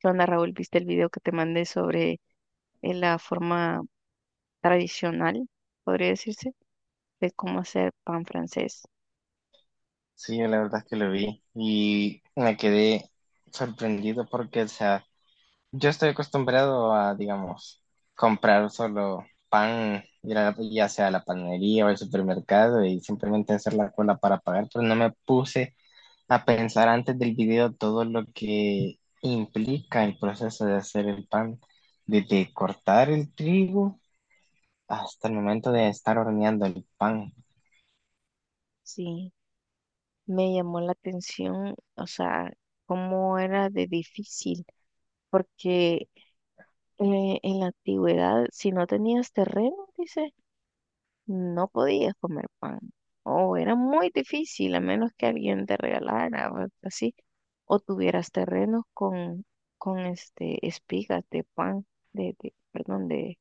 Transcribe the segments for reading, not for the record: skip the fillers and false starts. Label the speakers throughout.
Speaker 1: ¿Qué onda, Raúl? ¿Viste el video que te mandé sobre la forma tradicional, podría decirse, de cómo hacer pan francés?
Speaker 2: Sí, yo la verdad es que lo vi y me quedé sorprendido porque, o sea, yo estoy acostumbrado a, digamos, comprar solo pan, ya sea a la panadería o al supermercado y simplemente hacer la cola para pagar, pero no me puse a pensar antes del video todo lo que implica el proceso de hacer el pan, desde cortar el trigo hasta el momento de estar horneando el pan
Speaker 1: Sí, me llamó la atención, o sea, cómo era de difícil, porque en la antigüedad, si no tenías terreno, dice, no podías comer pan, o era muy difícil, a menos que alguien te regalara, o así, o tuvieras terrenos con, este, espigas de pan, de, perdón, de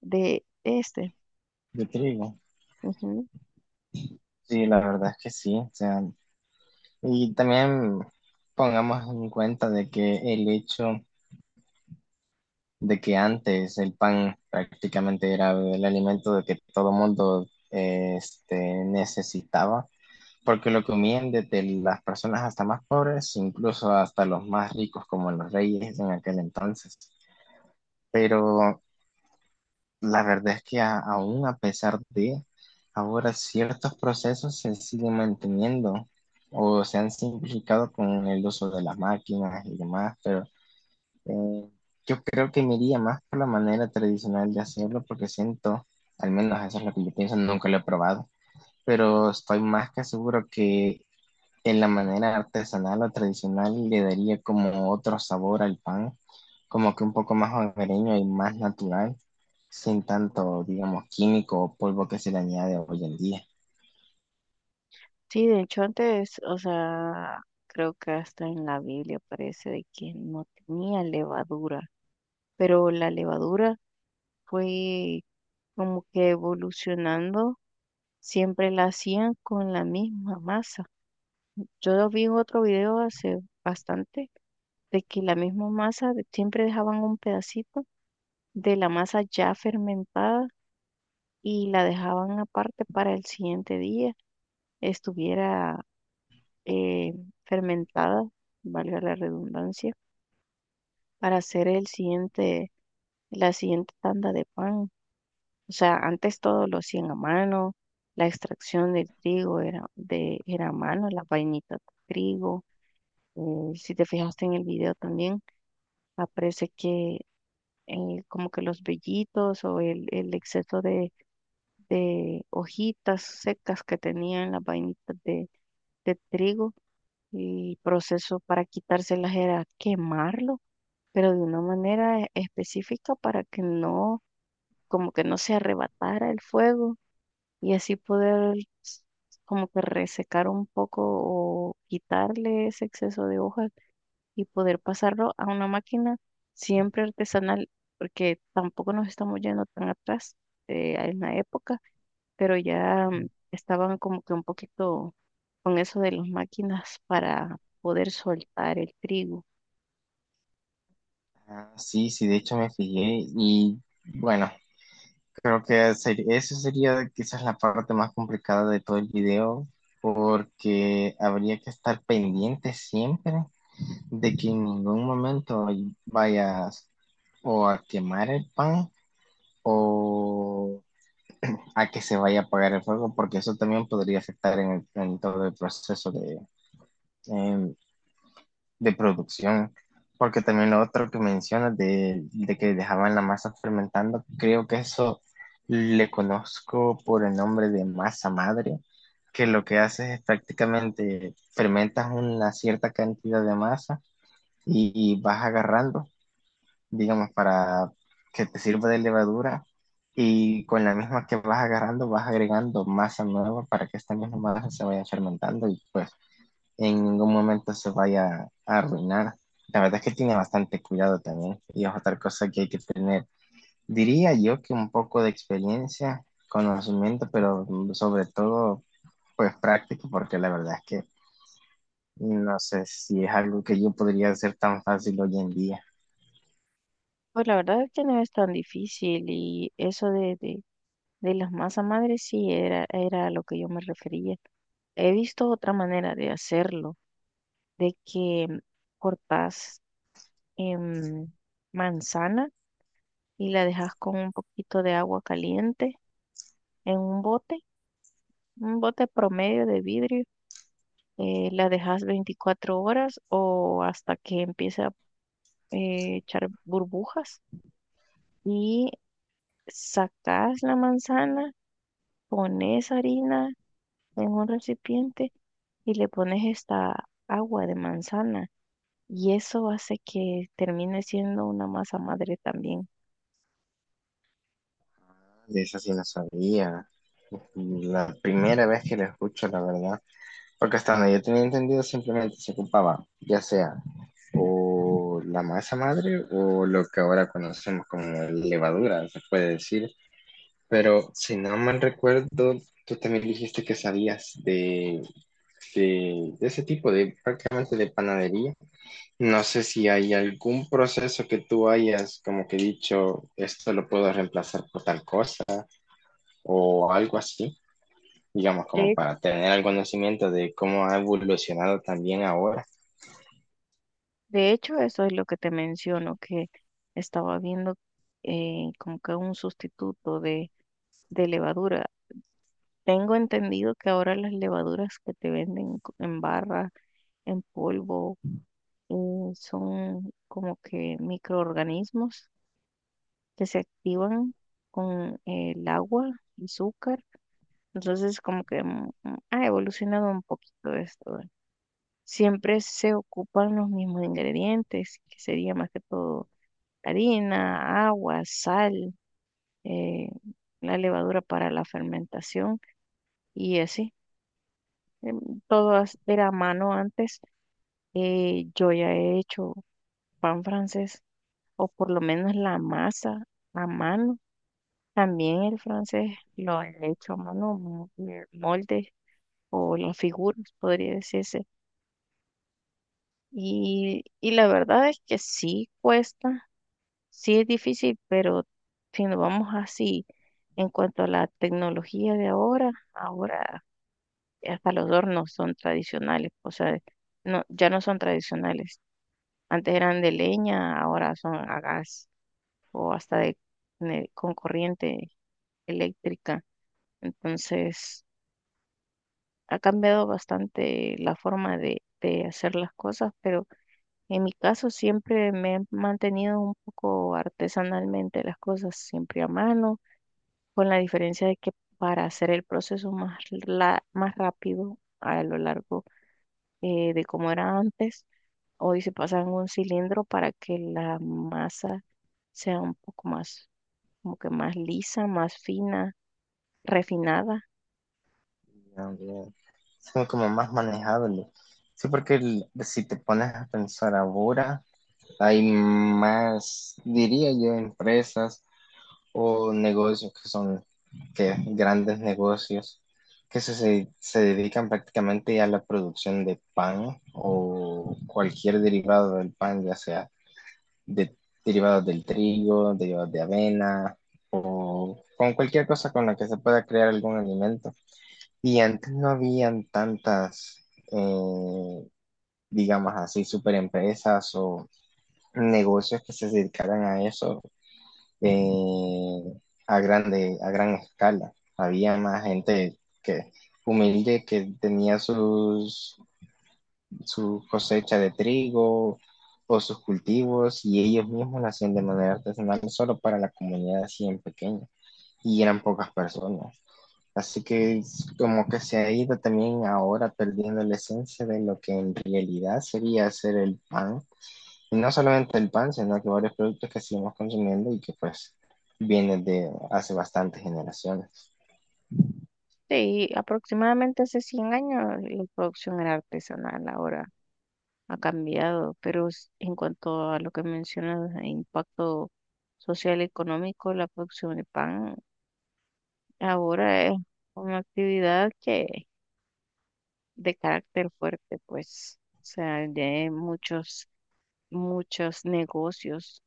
Speaker 1: De este.
Speaker 2: de trigo.
Speaker 1: Ujú.
Speaker 2: Sí, la verdad es que sí, o sea. Y también pongamos en cuenta de que el hecho de que antes el pan prácticamente era el alimento de que todo mundo eh, este, necesitaba, porque lo comían desde las personas hasta más pobres, incluso hasta los más ricos como los reyes en aquel entonces. Pero la verdad es que aún a pesar de ahora ciertos procesos se siguen manteniendo o se han simplificado con el uso de las máquinas y demás, pero eh, yo creo que me iría más por la manera tradicional de hacerlo porque siento, al menos eso es lo que yo pienso, nunca lo he probado, pero estoy más que seguro que de la manera artesanal o tradicional le daría como otro sabor al pan, como que un poco más hogareño y más natural, sin tanto, digamos, químico o polvo que se le añade hoy en día.
Speaker 1: Sí, de hecho antes, o sea, creo que hasta en la Biblia parece de que no tenía levadura, pero la levadura fue como que evolucionando, siempre la hacían con la misma masa. Yo lo vi en otro video hace bastante de que la misma masa de- siempre dejaban un pedacito de la masa ya fermentada y la dejaban aparte para el siguiente día estuviera eh, fermentada, valga la redundancia, para hacer el siguiente, la siguiente tanda de pan. O sea, antes todo lo hacían a mano, la extracción del trigo era, era a mano, la vainita de trigo. Si te fijaste en el video también, aparece que como que los vellitos o el exceso de hojitas secas que tenían las vainitas de trigo, y proceso para quitárselas era quemarlo pero de una manera específica para que no, como que no se arrebatara el fuego y así poder s- como que resecar un poco o quitarle ese exceso de hojas y poder pasarlo a una máquina siempre artesanal, porque tampoco nos estamos yendo tan atrás en la época, pero ya estaban como que un poquito con eso de las máquinas para poder soltar el trigo.
Speaker 2: Ah, sí, sí, de hecho me fijé y bueno, creo que eso sería quizás la parte más complicada de todo el video porque habría que estar pendiente siempre de que en ningún momento vayas o a quemar el pan o a que se vaya a apagar el fuego, porque eso también podría afectar en, en todo el proceso de, em, de producción. Porque también lo otro que mencionas de que dejaban la masa fermentando, creo que eso le conozco por el nombre de masa madre, que lo que hace es prácticamente fermentas una cierta cantidad de masa y vas agarrando, digamos, para que te sirva de levadura y con la misma que vas agarrando vas agregando masa nueva para que esta misma masa se vaya fermentando y pues en ningún momento se vaya a arruinar. La verdad es que tiene bastante cuidado también y es otra cosa que hay que tener. Diría yo que un poco de experiencia, conocimiento, pero sobre todo pues práctico porque la verdad es que no sé si es algo que yo podría hacer tan fácil hoy en día.
Speaker 1: Pues la verdad es que no es tan difícil y eso de, de las masas madres sí era, era a lo que yo me refería. He visto otra manera de hacerlo, de que cortas em, manzana y la dejas con un poquito de agua caliente en un bote promedio de vidrio. Eh, la dejas 24 horas o hasta que empiece a echar burbujas y sacas la manzana, pones harina en un recipiente y le pones esta agua de manzana y eso hace que termine siendo una masa madre también.
Speaker 2: De eso sí no sabía. La primera vez que lo escucho, la verdad, porque hasta donde yo tenía entendido simplemente se ocupaba, ya sea o la masa madre o lo que ahora conocemos como levadura, se puede decir, pero si no mal recuerdo, tú también dijiste que sabías de ese tipo de prácticamente de panadería. No sé si hay algún proceso que tú hayas como que dicho, esto lo puedo reemplazar por tal cosa o algo así, digamos, como
Speaker 1: De,
Speaker 2: para tener el conocimiento de cómo ha evolucionado también ahora.
Speaker 1: de hecho, eso es lo que te menciono, que estaba viendo como que un sustituto de levadura. Tengo entendido que ahora las levaduras que te venden co- en barra, en polvo, eh, son como que microorganismos que se activan con el agua, azúcar. Entonces, como que ha evolucionado un poquito esto, ¿eh? Siempre se ocupan los mismos ingredientes, que sería más que todo harina, agua, sal, eh, la levadura para la fermentación y así. Em, Todo era a mano antes. Yo ya he hecho pan francés, o por lo menos la masa a mano. También el francés lo he hecho a mano, moldes o las figuras, podría decirse. Y la verdad es que sí cuesta, sí es difícil, pero si nos vamos así, en cuanto a la tecnología de ahora, ahora hasta los hornos son tradicionales, o sea, no, ya no son tradicionales. Antes eran de leña, ahora son a gas o hasta de, con corriente eléctrica. Entonces, ha cambiado bastante la forma de hacer las cosas, pero en mi caso siempre me he mantenido un poco artesanalmente las cosas, siempre a mano, con la diferencia de que para hacer el proceso más, más rápido a lo largo de como era antes, hoy se pasa en un cilindro para que la masa sea un poco más, como que más lisa, más fina, refinada.
Speaker 2: Son como más manejables. Sí, porque si te pones a pensar ahora, hay más, diría yo, empresas o negocios que son que, grandes negocios que se dedican prácticamente a la producción de pan o cualquier derivado del pan, ya sea de derivados del trigo, derivados de avena o con cualquier cosa con la que se pueda crear algún alimento. Y antes no habían tantas, eh, digamos así, super empresas o negocios que se dedicaran a eso, eh, a grande, a gran escala. Había más gente que humilde que tenía sus su cosecha de trigo o sus cultivos y ellos mismos lo hacían de manera artesanal solo para la comunidad así en pequeña y eran pocas personas. Así que es como que se ha ido también ahora perdiendo la esencia de lo que en realidad sería hacer el pan. Y no solamente el pan, sino que varios productos que seguimos consumiendo y que pues vienen de hace bastantes generaciones.
Speaker 1: Sí, aproximadamente hace 100 años la producción era artesanal, ahora ha cambiado, pero en cuanto a lo que mencionas, de impacto social y económico, la producción de pan ahora es una actividad que de carácter fuerte, pues, o sea, de muchos, muchos negocios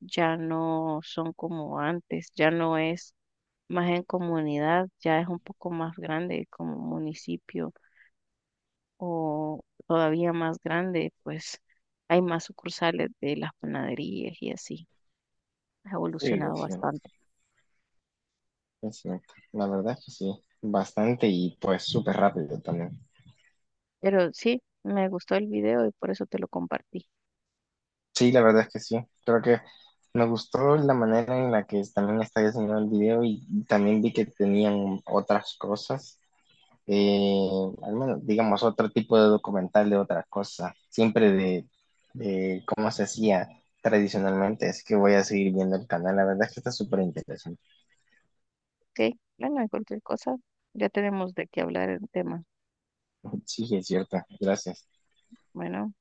Speaker 1: ya no son como antes, ya no es más en comunidad, ya es un poco más grande como municipio o todavía más grande, pues hay más sucursales de las panaderías y así. Ha
Speaker 2: Sí,
Speaker 1: evolucionado
Speaker 2: es cierto,
Speaker 1: bastante.
Speaker 2: es cierto. La verdad es que sí, bastante y pues súper rápido también.
Speaker 1: Pero sí, me gustó el video y por eso te lo compartí.
Speaker 2: Sí, la verdad es que sí. Creo que me gustó la manera en la que también está diseñado el video y también vi que tenían otras cosas, eh, al menos, digamos, otro tipo de documental de otras cosas, siempre de cómo se hacía tradicionalmente. Así que voy a seguir viendo el canal. La verdad es que está súper interesante.
Speaker 1: Ok, bueno, cualquier cosa, ya tenemos de qué hablar el tema.
Speaker 2: Sí, es cierto. Gracias.
Speaker 1: Bueno.